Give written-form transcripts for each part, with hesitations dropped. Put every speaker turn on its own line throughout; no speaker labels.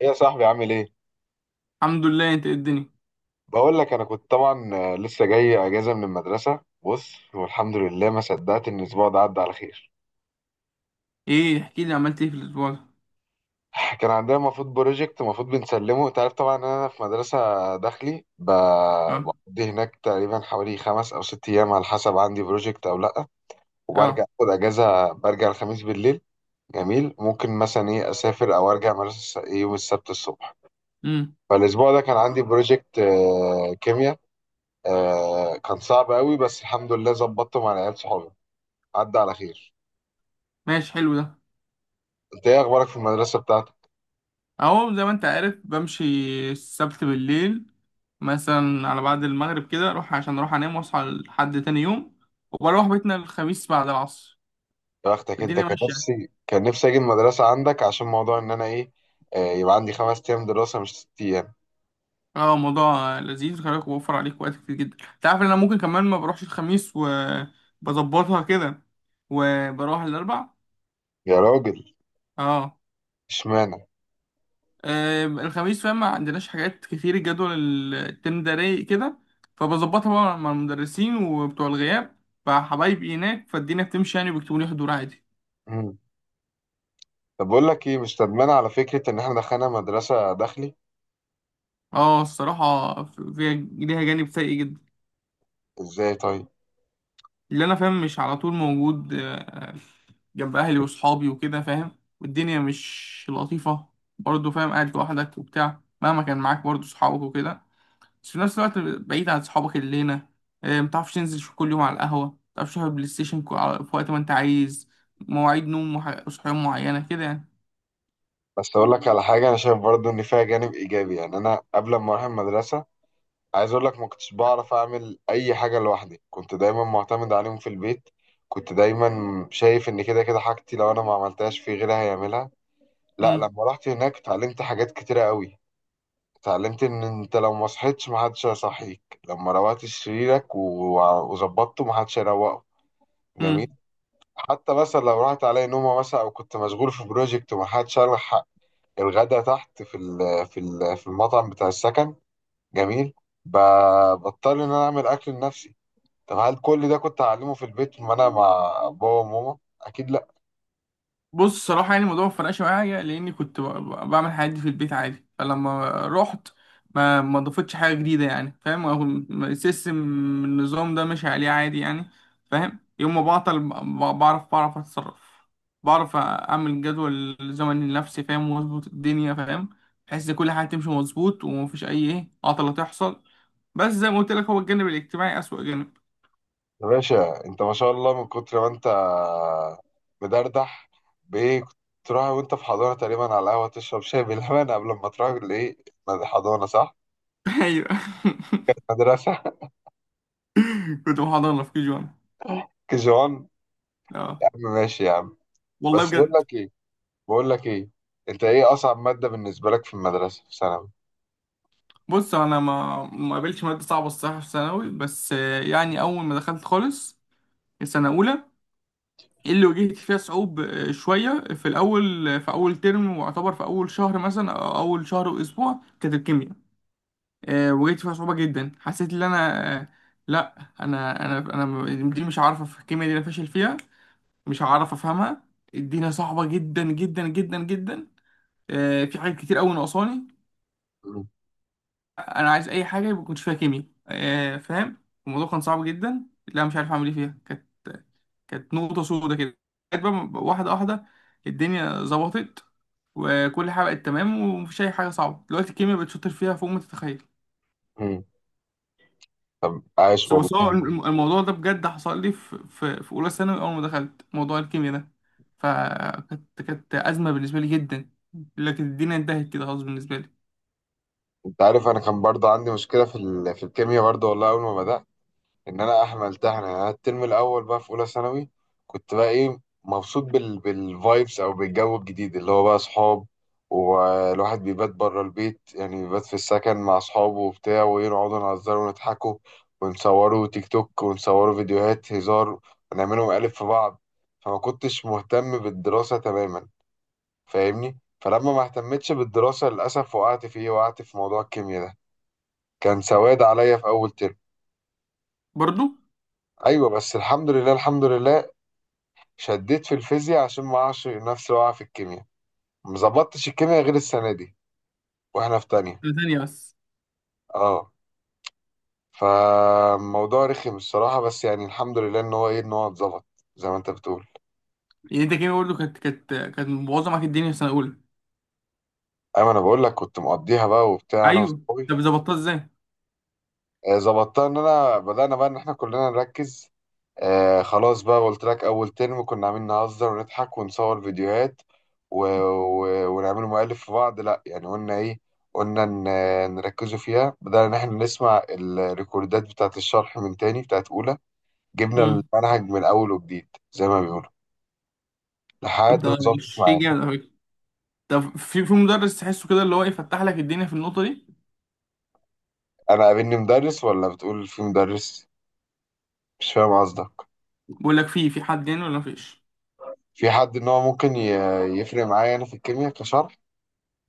ايه يا صاحبي عامل ايه؟
الحمد لله، انت، ايه الدنيا؟
بقول لك انا كنت طبعا لسه جاي اجازه من المدرسه. بص، والحمد لله ما صدقت ان الاسبوع ده عدى على خير.
ايه، احكي لي، عملت ايه في الاسبوع ده؟
كان عندنا المفروض بروجكت المفروض بنسلمه. انت عارف طبعا ان انا في مدرسه داخلي.
اه.
بقضي هناك تقريبا حوالي 5 أو 6 أيام على حسب عندي بروجكت او لا،
اه.
وبرجع اخد اجازه، برجع الخميس بالليل. جميل، ممكن مثلا ايه اسافر او ارجع مدرسه الس- إيه يوم السبت الصبح.
امم.
فالاسبوع ده كان عندي بروجكت كيمياء. آه كان صعب قوي، بس الحمد لله ظبطته مع العيال صحابي، عدى على خير.
ماشي، حلو ده.
انت ايه اخبارك في المدرسه بتاعتك؟
اهو، زي ما انت عارف، بمشي. السبت بالليل. مثلا على بعد المغرب كده اروح، عشان اروح انام واصحى لحد تاني يوم. وبروح بيتنا الخميس بعد العصر.
يا بختك انت،
الدنيا
كان
ماشيه.
نفسي كان نفسي اجي المدرسه عندك، عشان موضوع ان انا ايه. آه، يبقى عندي 5 أيام دراسه مش 6 أيام.
اه، موضوع لذيذ. خلي بالك، بوفر عليك وقت كتير جدا. انت عارف ان انا ممكن كمان ما بروحش الخميس وبظبطها كده. وبروح الاربع.
يا راجل،
اه.
اشمعنى؟
الخميس، فاهم، ما عندناش حاجات كتير. الجدول الترم ده رايق كده. فبظبطها بقى مع المدرسين وبتوع الغياب. فحبايبي هناك، فالدنيا بتمشي يعني، وبيكتبوا لي حضور عادي.
مم. طب بقول لك ايه، مش ندمانه على فكره ان احنا دخلنا مدرسه داخلي.
اه، الصراحة فيها، ليها جانب سيء جدا.
ازاي طيب؟
اللي انا فاهم مش على طول موجود. جنب اهلي واصحابي وكده، فاهم، والدنيا مش لطيفة. برضه فاهم، قاعد لوحدك وبتاع، مهما كان معاك برضه صحابك وكده. بس في نفس الوقت بعيد عن صحابك الليلة. متعرفش تنزل كل يوم على القهوة، متعرفش تلعب بلاي ستيشن في وقت ما انت عايز. مواعيد نوم وصحيان معينة كده يعني.
بس اقول لك على حاجه، انا شايف برضو ان فيها جانب ايجابي. يعني انا قبل ما اروح المدرسه، عايز اقول لك ما كنتش بعرف اعمل اي حاجه لوحدي. كنت دايما معتمد عليهم في البيت. كنت دايما شايف ان كده كده حاجتي لو انا ما عملتهاش، في غيرها هيعملها. لا،
امم.
لما رحت هناك اتعلمت حاجات كتيره قوي. اتعلمت ان انت لو ما صحيتش ما حدش هيصحيك. لما روقت سريرك وظبطته ما حدش هيروقه. جميل.
امم.
حتى مثلا لو راحت عليا نومه، مثلا، او كنت مشغول في بروجكت وما حدش الحق الغدا تحت في المطعم بتاع السكن. جميل. ب- بضطر ان انا اعمل اكل لنفسي. طب هل كل ده كنت هعلمه في البيت ما انا مع بابا وماما؟ اكيد لا.
بص، صراحة يعني، الموضوع ما فرقش معايا لأني كنت بعمل الحاجات دي في البيت عادي. فلما رحت، ما ضافتش حاجة جديدة، يعني فاهم. هو السيستم، النظام ده ماشي عليه عادي يعني. فاهم، يوم ما بعطل بعرف أتصرف. بعرف أعمل جدول زمني لنفسي، فاهم، وأظبط الدنيا، فاهم، بحيث إن كل حاجة تمشي مظبوط ومفيش أي إيه عطلة تحصل. بس زي ما قلت لك، هو الجانب الاجتماعي أسوأ جانب.
يا باشا انت، ما شاء الله، من كتر ما انت مدردح. بايه كنت تروح وانت في حضانه تقريبا على القهوه تشرب شاي باللبن قبل ما تروح حضانه؟ صح.
أيوه.
مدرسه.
كنت محاضرة في كي جوان.
كجوان.
أه.
يا عم ماشي يا عم.
والله
بس بقول
بجد.
لك ايه بقول لك ايه انت ايه اصعب ماده بالنسبه لك في المدرسه في ثانوي؟
بص، انا ما قابلتش ماده صعبه الصراحه في ثانوي. بس يعني اول ما دخلت خالص، السنه اولى، اللي واجهت فيها صعوب آه، شويه في الاول. في اول ترم، واعتبر في اول شهر مثلا او اول شهر واسبوع، كانت الكيمياء. واجهت فيها صعوبه جدا. حسيت ان انا لا، انا دي مش عارفه في الكيمياء دي، انا فاشل فيها. مش هعرف افهمها. الدنيا صعبه جدا جدا جدا جدا. في حاجات كتير قوي ناقصاني.
مم.
انا عايز اي حاجه يبقى كنت فيها كيمياء. فاهم. الموضوع كان صعب جدا، لا مش عارف اعمل ايه فيها. كانت نقطه سودة كده. بقيت بقى واحده واحده. الدنيا ظبطت. وكل حاجه بقت تمام، ومفيش اي حاجه صعبه دلوقتي. الكيمياء بقت شاطر فيها فوق ما تتخيل.
مم. طب عايش
بس
والله.
بس هو الموضوع ده بجد حصل لي في اولى ثانوي، اول ما دخلت موضوع الكيمياء ده. فكانت ازمه بالنسبه لي جدا. لكن الدنيا انتهت كده خلاص بالنسبه لي.
انت عارف انا كان برضه عندي مشكله في في الكيمياء برضه. والله اول ما بدات ان انا احمل تحنا، يعني أنا الترم الاول بقى في اولى ثانوي، كنت بقى ايه، مبسوط بالفايبس او بالجو الجديد اللي هو بقى اصحاب والواحد بيبات بره البيت. يعني بيبات في السكن مع اصحابه وبتاع، ويقعدوا نهزروا ونضحكوا ونصوروا تيك توك، ونصوروا فيديوهات هزار، ونعملوا مقالب في بعض. فما كنتش مهتم بالدراسة تماما، فاهمني؟ فلما ما اهتمتش بالدراسة للأسف وقعت في ايه، وقعت في موضوع الكيمياء ده. كان سواد عليا في أول ترم.
برضو.
ايوه، بس الحمد لله الحمد لله، شديت في الفيزياء عشان ما اعرفش نفسي واقع في الكيمياء. ما ظبطتش الكيمياء غير السنه دي، واحنا في تانية.
سنة تانية بس.
اه، فالموضوع رخم الصراحه، بس يعني الحمد لله ان هو ايه، ان هو اتظبط زي ما انت بتقول.
يعني انت كيميا برضه كانت مبوظه معاك الدنيا في سنه اولى.
ايوه، انا بقول لك كنت مقضيها بقى وبتاع انا
ايوه.
واصحابي.
طب، ظبطتها ازاي؟
ظبطتها ان انا بدأنا بقى ان احنا كلنا نركز. آه خلاص، بقى قلت لك اول ترم كنا عاملين نهزر ونضحك ونصور فيديوهات ونعمل مؤلف في بعض. لا يعني قلنا ايه، قلنا نركزوا فيها. بدأنا ان احنا نسمع الريكوردات بتاعت الشرح من تاني بتاعت اولى، جبنا
امم.
المنهج من اول وجديد زي ما بيقولوا،
طب
لحد ما
ده
ظبطت
شيء
معانا.
جامد قوي. طب في مدرس تحسه كده اللي هو يفتح لك الدنيا في النقطه دي؟
انا قابلني مدرس ولا بتقول في مدرس؟ مش فاهم قصدك.
بيقول لك في حد يعني، ولا مفيش؟
في حد ان هو ممكن يفرق معايا انا في الكيمياء كشرح؟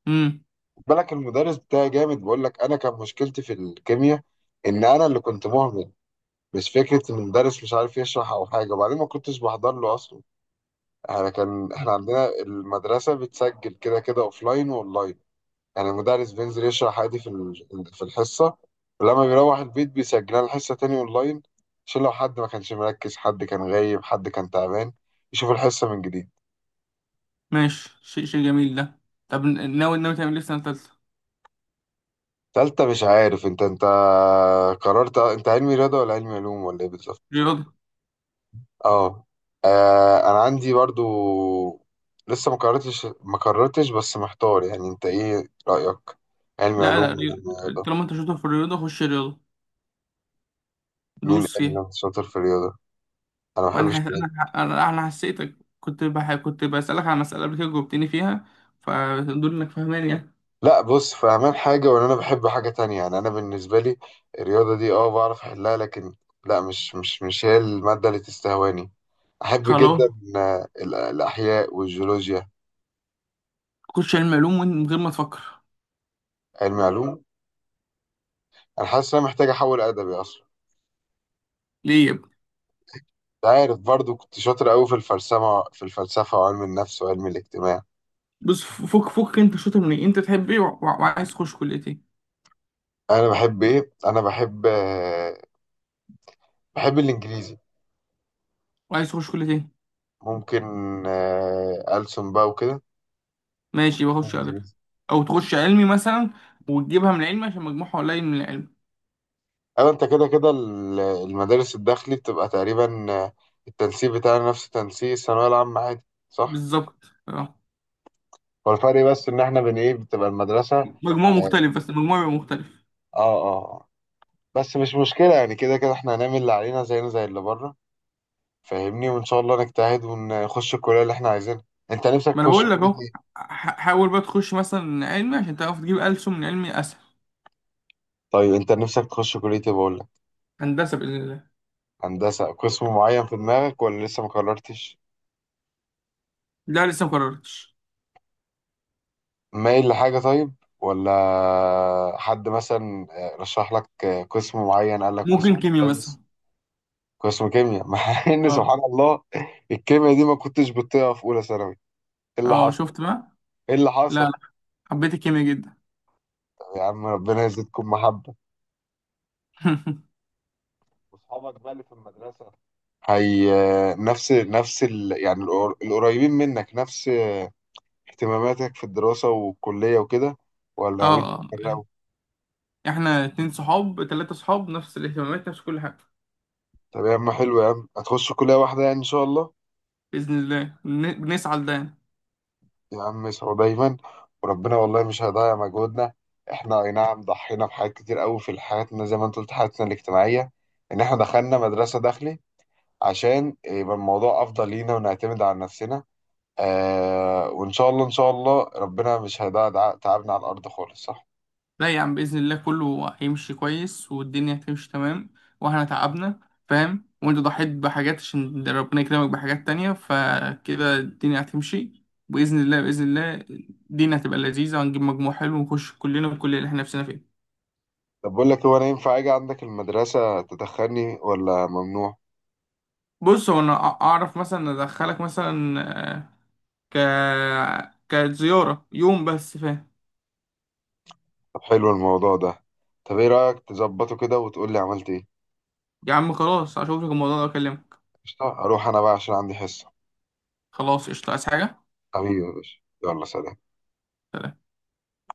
امم.
بالك المدرس بتاعي جامد. بقول لك انا كان مشكلتي في الكيمياء ان انا اللي كنت مهمل، مش فكره ان المدرس مش عارف يشرح او حاجه. وبعدين ما كنتش بحضر له اصلا. احنا كان احنا عندنا المدرسه بتسجل كده كده اوفلاين واونلاين. يعني المدرس بينزل يشرح عادي في في الحصه، ولما بيروح البيت بيسجلها الحصه تاني اونلاين، عشان لو حد ما كانش مركز، حد كان غايب، حد كان تعبان، يشوف الحصه من جديد.
ماشي، شيء جميل ده. طب، ناوي تعمل ايه في سنه ثالثه؟
تالتة مش عارف. انت قررت انت علمي رياضه ولا علمي علوم ولا ايه بالظبط؟
رياضه.
اه. انا عندي برضو لسه ما قررتش، بس محتار يعني، انت ايه رأيك؟ علم
لا،
علوم
لا،
ولا رياضة؟
طالما انت شاطر في الرياضه، خش رياضه،
مين
دوس فيها.
اللي شاطر في الرياضة؟ انا ما
وانا
بحبش
حس...
الرياضة.
انا انا حسيتك كنت كنت بسالك على مساله قبل كده جاوبتني فيها. فدول انك فاهمان يعني.
لا بص، فاهمان حاجة ولا انا بحب حاجة تانية. يعني انا بالنسبة لي، الرياضة دي اه بعرف احلها، لكن لا، مش هي المادة اللي تستهواني. احب
خلاص.
جدا الاحياء والجيولوجيا.
خش علم علوم من غير ما تفكر.
علم علوم. انا حاسس ان انا محتاج احول ادبي اصلا.
ليه يا ابني؟
عارف برضو كنت شاطر قوي في الفلسفة وعلم النفس وعلم الاجتماع.
بص، فك انت شاطر من ايه، انت تحب ايه، وعايز تخش كليه ايه؟
أنا بحب إيه؟ أنا بحب الإنجليزي
وعايز تخش كليه ايه؟
ممكن ألسن بقى وكده.
ماشي، بخش ادبي.
إنجليزي.
او تخش علمي مثلا، وتجيبها من العلم عشان مجموعها قليل من العلم.
أو أنت كده كده المدارس الداخلي بتبقى تقريبا، التنسيق بتاعنا نفس تنسيق الثانوية العامة عادي، صح؟
بالظبط، اه.
هو الفرق بس إن إحنا بن إيه بتبقى المدرسة.
مجموع
آه
مختلف، بس المجموع بيبقى مختلف.
آه آه. بس مش مشكلة يعني، كده كده إحنا هنعمل اللي علينا زينا زي اللي بره، فاهمني؟ وان شاء الله نجتهد ونخش الكليه اللي احنا عايزينها. انت نفسك
ما انا
تخش
بقول لك
كليه
اهو.
ايه؟
حاول بقى تخش مثلا علمي عشان تعرف تجيب ألسن من علمي اسهل.
طيب انت نفسك تخش كليه ايه بقول لك؟
هندسه باذن الله.
هندسه، قسم معين في دماغك ولا لسه ما قررتش؟
لا، لسه ما قررتش.
مايل لحاجه طيب، ولا حد مثلا رشح لك قسم معين، قال لك قسم
ممكن
ده
كيميا مثلا.
كويس؟ قسم كيمياء. مع ان
اه،
سبحان الله الكيمياء دي ما كنتش بتطيقها في اولى ثانوي. ايه اللي
اه،
حصل؟
شفت بقى.
ايه اللي
لا،
حصل؟
لا. حبيت الكيميا جدا.
يا عم ربنا يزيدكم محبه. واصحابك بقى اللي في المدرسه هي يعني القريبين منك، نفس اهتماماتك في الدراسة والكلية وكده، ولا ناويين
اه، اه.
تفرقوا؟
احنا اتنين صحاب تلاتة صحاب، نفس الاهتمامات، نفس كل حاجة.
طب يا عم حلو يا عم، هتخشوا كلية واحدة يعني إن شاء الله.
بإذن الله، بنسعى لده يعني.
يا عم اسعوا دايما وربنا والله مش هيضيع مجهودنا. احنا أي نعم ضحينا بحاجات كتير قوي في حياتنا زي ما انت قلت، حياتنا الاجتماعية، إن احنا دخلنا مدرسة داخلي عشان يبقى الموضوع أفضل لينا ونعتمد على نفسنا. وان شاء الله، ان شاء الله، ربنا مش هيدع تعبنا على الارض خالص، صح؟
لا يا عم، بإذن الله كله هيمشي كويس، والدنيا هتمشي تمام. واحنا تعبنا، فاهم، وانت ضحيت بحاجات عشان ربنا يكرمك بحاجات تانية، فكده الدنيا هتمشي. بإذن الله، بإذن الله. الدنيا هتبقى لذيذة، وهنجيب مجموع حلو، ونخش كلنا الكلية اللي احنا نفسنا فيها.
طب بقول لك، هو انا ينفع اجي عندك المدرسه تدخلني ولا ممنوع؟
بص، هو انا اعرف مثلا ادخلك مثلا، آه، ك كزيارة يوم بس فاهم.
طب حلو الموضوع ده. طب ايه رايك تظبطه كده وتقول لي عملت ايه؟
يا عم خلاص، اشوفك الموضوع ده واكلمك.
قشطه، اروح انا بقى عشان عندي حصه.
خلاص، قشطة، عايز حاجة؟
حبيبي يا باشا يلا سلام.
سلام.